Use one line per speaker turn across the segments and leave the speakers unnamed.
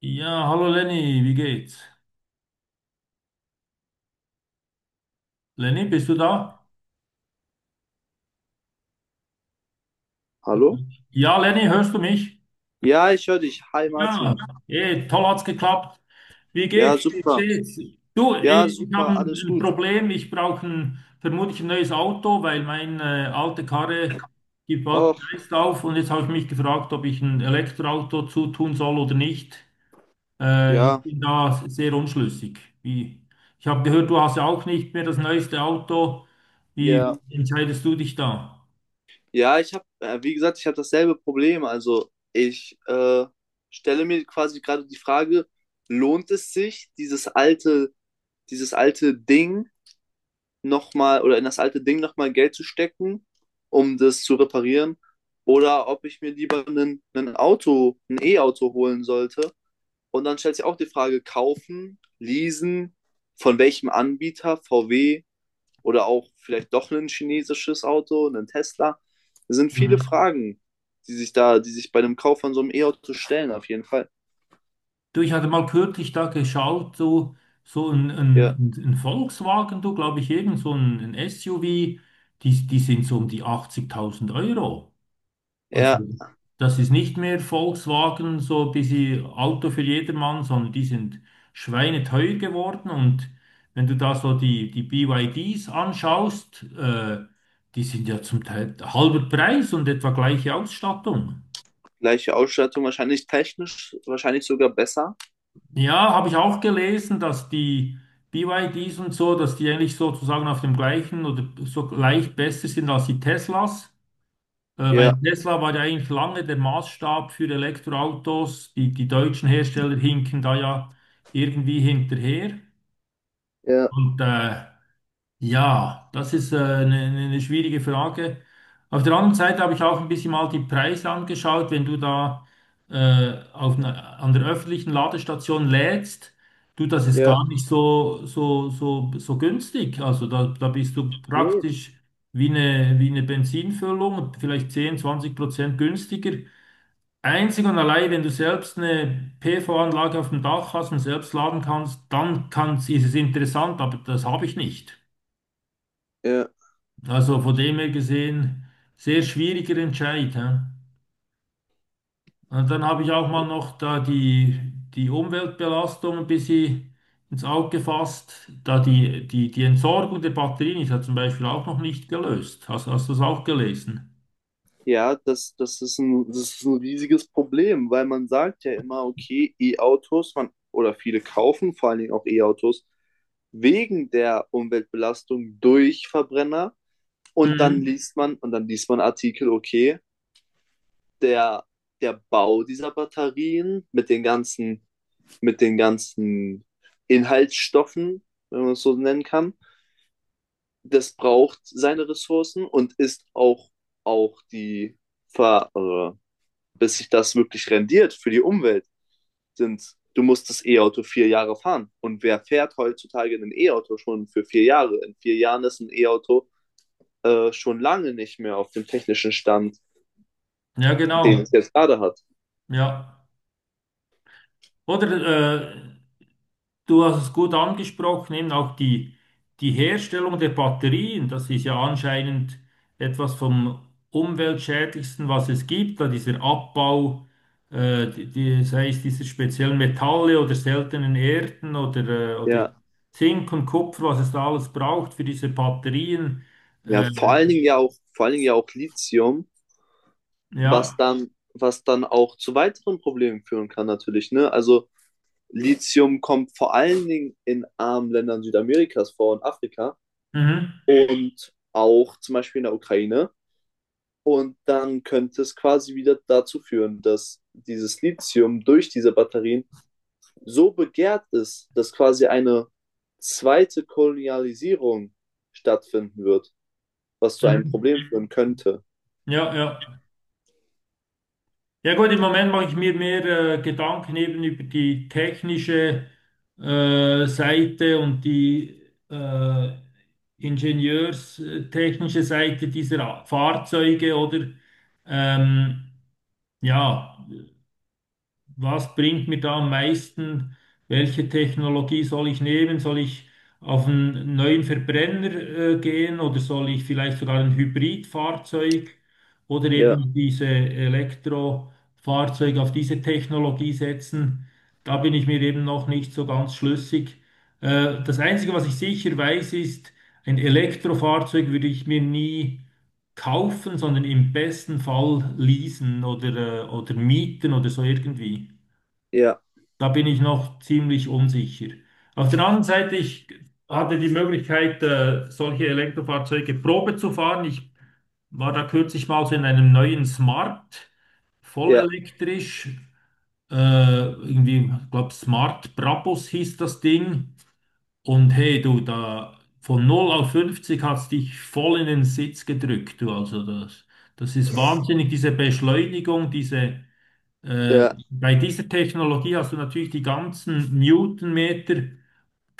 Ja, hallo Lenny, wie geht's? Lenny, bist du da?
Hallo?
Mhm. Ja, Lenny, hörst du mich?
Ja, ich höre dich. Hi
Ja,
Martin.
Toll hat's geklappt. Wie
Ja,
geht's? Wie
super.
steht's? Du,
Ja,
ich habe
super,
ein
alles
ein
gut.
Problem. Ich brauche vermutlich ein neues Auto, weil meine alte Karre gibt bald den
Och,
Geist auf. Und jetzt habe ich mich gefragt, ob ich ein Elektroauto zutun soll oder nicht. Ich
ja,
bin da sehr unschlüssig. Ich habe gehört, du hast ja auch nicht mehr das neueste Auto. Wie,
ja.
wie entscheidest du dich da?
Ja, ich habe, wie gesagt, ich habe dasselbe Problem. Also ich stelle mir quasi gerade die Frage, lohnt es sich, dieses alte Ding nochmal oder in das alte Ding nochmal Geld zu stecken, um das zu reparieren? Oder ob ich mir lieber ein E-Auto holen sollte. Und dann stellt sich auch die Frage, kaufen, leasen, von welchem Anbieter, VW oder auch vielleicht doch ein chinesisches Auto, ein Tesla. Es sind viele
Mhm.
Fragen, die sich bei dem Kauf von so einem E-Auto stellen, auf jeden Fall.
Du, ich hatte mal kürzlich da geschaut, so, so
Ja,
ein Volkswagen, du, glaube ich, irgend so ein SUV, die sind so um die 80.000 Euro.
ja,
Also das ist nicht mehr Volkswagen, so ein bisschen Auto für jedermann, sondern die sind schweineteuer geworden. Und wenn du da so die BYDs anschaust, die sind ja zum Teil halber Preis und etwa gleiche Ausstattung.
gleiche Ausstattung, wahrscheinlich technisch, wahrscheinlich sogar besser.
Ja, habe ich auch gelesen, dass die BYDs und so, dass die eigentlich sozusagen auf dem gleichen oder so gleich besser sind als die Teslas, weil
Ja,
Tesla war ja eigentlich lange der Maßstab für Elektroautos. Die deutschen Hersteller hinken da ja irgendwie hinterher.
ja,
Und ja, das ist eine schwierige Frage. Auf der anderen Seite habe ich auch ein bisschen mal die Preise angeschaut. Wenn du da an der öffentlichen Ladestation lädst, du, das ist
ja.
gar nicht so günstig. Also da bist du
Nee.
praktisch wie wie eine Benzinfüllung, vielleicht 10 20 Prozent günstiger. Einzig und allein, wenn du selbst eine PV-Anlage auf dem Dach hast und selbst laden kannst, dann ist es interessant, aber das habe ich nicht.
Ja,
Also von dem her gesehen, sehr schwieriger Entscheid. Hä? Und dann habe ich auch mal noch da die Umweltbelastung ein bisschen ins Auge gefasst. Da die Entsorgung der Batterien ist ja zum Beispiel auch noch nicht gelöst. Hast du das auch gelesen?
ja, das ist ein riesiges Problem, weil man sagt ja immer, okay, E-Autos, man, oder viele kaufen vor allen Dingen auch E-Autos wegen der Umweltbelastung durch Verbrenner. Und dann
Mhm.
liest man, und dann liest man Artikel, okay, der, der Bau dieser Batterien mit den ganzen Inhaltsstoffen, wenn man es so nennen kann, das braucht seine Ressourcen und ist auch die Ver, äh, bis sich das wirklich rendiert für die Umwelt, sind, du musst das E-Auto 4 Jahre fahren. Und wer fährt heutzutage ein E-Auto schon für 4 Jahre? In 4 Jahren ist ein E-Auto schon lange nicht mehr auf dem technischen Stand,
Ja,
den
genau.
es jetzt gerade hat.
Ja. Oder äh, du hast es gut angesprochen, eben auch die Herstellung der Batterien, das ist ja anscheinend etwas vom umweltschädlichsten, was es gibt, da dieser Abbau, die, sei es dieser speziellen Metalle oder seltenen Erden oder
Ja,
Zink und Kupfer, was es da alles braucht für diese Batterien.
ja,
Äh,
vor allen Dingen ja auch, vor allen Dingen ja auch Lithium,
ja,
was dann auch zu weiteren Problemen führen kann natürlich, ne? Also Lithium kommt vor allen Dingen in armen Ländern Südamerikas vor und Afrika
mhm,
und auch zum Beispiel in der Ukraine. Und dann könnte es quasi wieder dazu führen, dass dieses Lithium durch diese Batterien so begehrt ist, dass quasi eine zweite Kolonialisierung stattfinden wird, was zu einem
mhm,
Problem führen könnte.
ja, ja. Ja gut, im Moment mache ich mir mehr Gedanken eben über die technische Seite und die äh, ingenieurstechnische Seite dieser A- Fahrzeuge oder ähm, ja, was bringt mir da am meisten, welche Technologie soll ich nehmen? Soll ich auf einen neuen Verbrenner gehen oder soll ich vielleicht sogar ein Hybridfahrzeug oder
Ja,
eben diese Elektrofahrzeuge auf diese Technologie setzen? Da bin ich mir eben noch nicht so ganz schlüssig. Das Einzige, was ich sicher weiß, ist, ein Elektrofahrzeug würde ich mir nie kaufen, sondern im besten Fall leasen oder oder mieten oder so irgendwie.
ja,
Da bin ich noch ziemlich unsicher. Auf der anderen Seite, ich hatte die Möglichkeit, solche Elektrofahrzeuge Probe zu fahren. Ich war da kürzlich mal so in einem neuen Smart, voll
ja,
elektrisch. Äh, irgendwie, ich glaube, Smart Brabus hieß das Ding. Und hey, du, da von null auf 50 hat's dich voll in den Sitz gedrückt, du. Also das, das ist wahnsinnig, diese Beschleunigung, diese.
ja,
Bei dieser Technologie hast du natürlich die ganzen Newtonmeter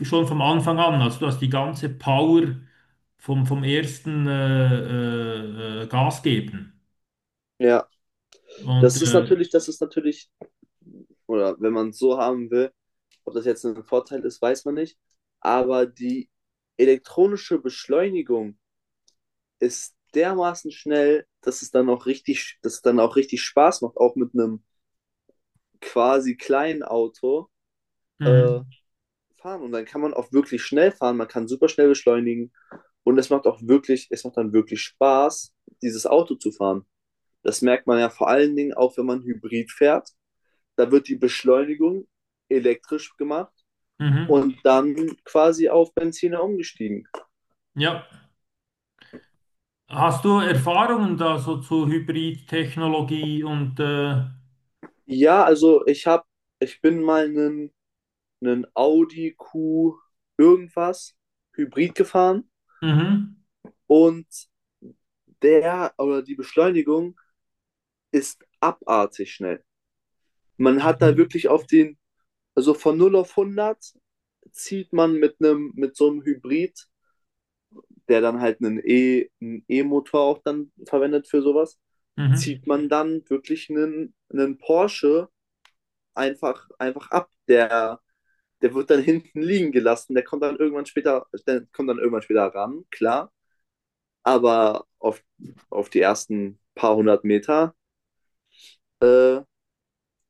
schon vom Anfang an. Also du hast die ganze Power vom ersten Gas geben.
ja.
Und
Das ist natürlich, oder wenn man es so haben will, ob das jetzt ein Vorteil ist, weiß man nicht. Aber die elektronische Beschleunigung ist dermaßen schnell, dass es dann auch richtig, dass es dann auch richtig Spaß macht, auch mit einem quasi kleinen Auto äh,
mhm,
fahren. Und dann kann man auch wirklich schnell fahren, man kann super schnell beschleunigen und es macht auch wirklich, es macht dann wirklich Spaß, dieses Auto zu fahren. Das merkt man ja vor allen Dingen auch, wenn man Hybrid fährt. Da wird die Beschleunigung elektrisch gemacht
mhm,
und dann quasi auf Benziner umgestiegen.
ja. Hast du Erfahrungen da so zu Hybridtechnologie und
Ja, also ich habe, ich bin mal einen Audi Q irgendwas Hybrid gefahren
mhm,
und der oder die Beschleunigung ist abartig schnell. Man hat da wirklich auf den, also von 0 auf 100 zieht man mit so einem Hybrid, der dann halt einen E-Motor auch dann verwendet für sowas,
mhm.
zieht man dann wirklich einen Porsche einfach ab. Der wird dann hinten liegen gelassen, der kommt dann irgendwann später, der kommt dann irgendwann später ran, klar, aber auf, auf die ersten paar hundert Meter äh,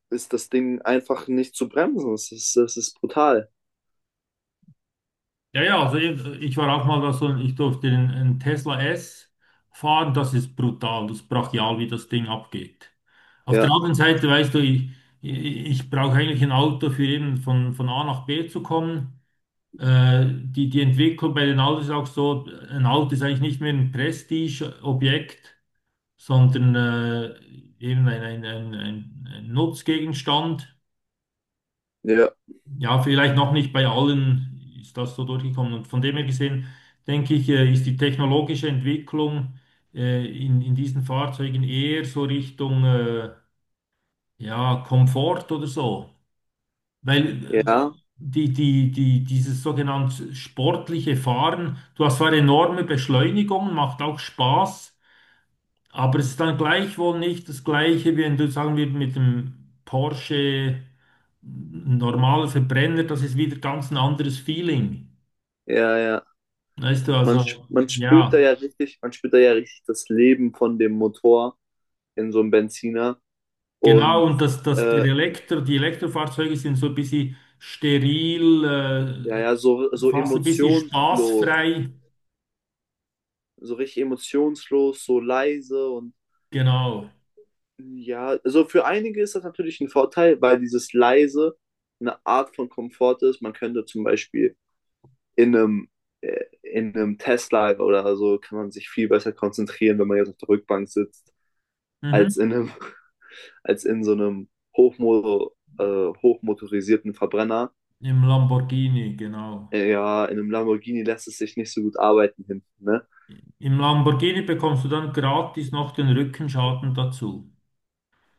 ist das Ding einfach nicht zu bremsen. Das ist brutal.
Ja, ja, also ich war auch mal da so, ich durfte einen Tesla S fahren, das ist brutal, das ist brachial, wie das Ding abgeht. Auf der
Ja,
anderen Seite, weißt du, ich brauche eigentlich ein Auto für eben von A nach B zu kommen. Die Entwicklung bei den Autos ist auch so, ein Auto ist eigentlich nicht mehr ein Prestige-Objekt, sondern eben ein Nutzgegenstand.
ja,
Ja, vielleicht noch nicht bei allen ist das so durchgekommen. Und von dem her gesehen, denke ich, ist die technologische Entwicklung in diesen Fahrzeugen eher so Richtung ja, Komfort oder so. Weil
ja,
die, dieses sogenannte sportliche Fahren, du hast zwar enorme Beschleunigungen, macht auch Spaß, aber es ist dann gleichwohl nicht das Gleiche, wie wenn du, sagen wir, mit dem Porsche, normaler Verbrenner, das ist wieder ganz ein anderes Feeling.
ja, ja.
Weißt du,
Man,
also
man spürt da ja
ja,
richtig, man spürt da ja richtig das Leben von dem Motor in so einem Benziner
genau,
und
und das der
äh,
Elektro, die Elektrofahrzeuge sind so ein bisschen steril,
ja, ja, so, so
fast ein bisschen
emotionslos,
spaßfrei.
so richtig emotionslos, so leise und.
Genau.
Ja, also für einige ist das natürlich ein Vorteil, weil dieses leise eine Art von Komfort ist. Man könnte zum Beispiel in einem, in einem Tesla oder so kann man sich viel besser konzentrieren, wenn man jetzt auf der Rückbank sitzt,
Mhm.
als in einem, als in so einem hochmo äh, hochmotorisierten Verbrenner.
Im Lamborghini, genau.
Ja, in einem Lamborghini lässt es sich nicht so gut arbeiten hinten, ne?
Im Lamborghini bekommst du dann gratis noch den Rückenschaden dazu.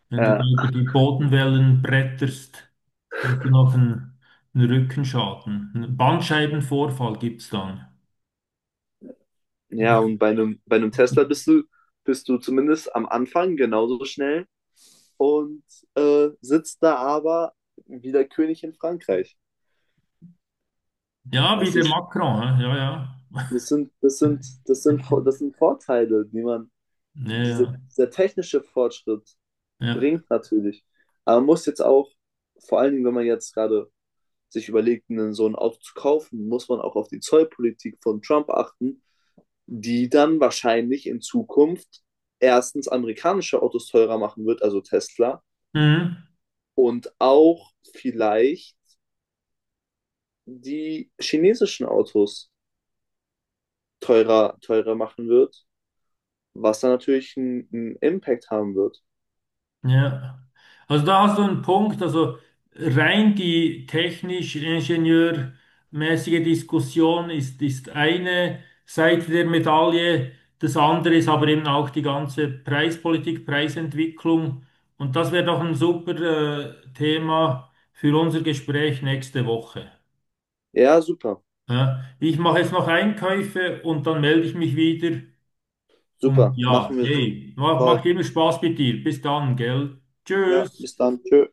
Wenn du da
Äh,
über die Bodenwellen bretterst, hast du noch einen, einen Rückenschaden. Einen Bandscheibenvorfall gibt es dann.
ja, und bei einem Tesla bist du zumindest am Anfang genauso schnell und sitzt da aber wie der König in Frankreich.
Ja, wie
Das,
der
ist,
Macron, hä? Ja, ja.
das, sind, das, sind, das, sind, das sind Vorteile,
Ja,
diese,
ja.
dieser technische Fortschritt
Ja.
bringt natürlich. Aber man muss jetzt auch, vor allen Dingen, wenn man jetzt gerade sich überlegt, einen so ein Auto zu kaufen, muss man auch auf die Zollpolitik von Trump achten, die dann wahrscheinlich in Zukunft erstens amerikanische Autos teurer machen wird, also Tesla,
Mhm.
und auch vielleicht die chinesischen Autos teurer machen wird, was dann natürlich einen Impact haben wird.
Ja, also da hast du einen Punkt, also rein die technisch-ingenieurmäßige Diskussion ist, ist eine Seite der Medaille, das andere ist aber eben auch die ganze Preispolitik, Preisentwicklung, und das wäre doch ein super Thema für unser Gespräch nächste Woche.
Ja, super,
Ja, ich mache jetzt noch Einkäufe und dann melde ich mich wieder und
super,
ja,
machen wir so.
hey,
Toll.
macht immer Spaß mit dir. Bis dann, gell?
Ja,
Tschüss.
bis dann. Tschö.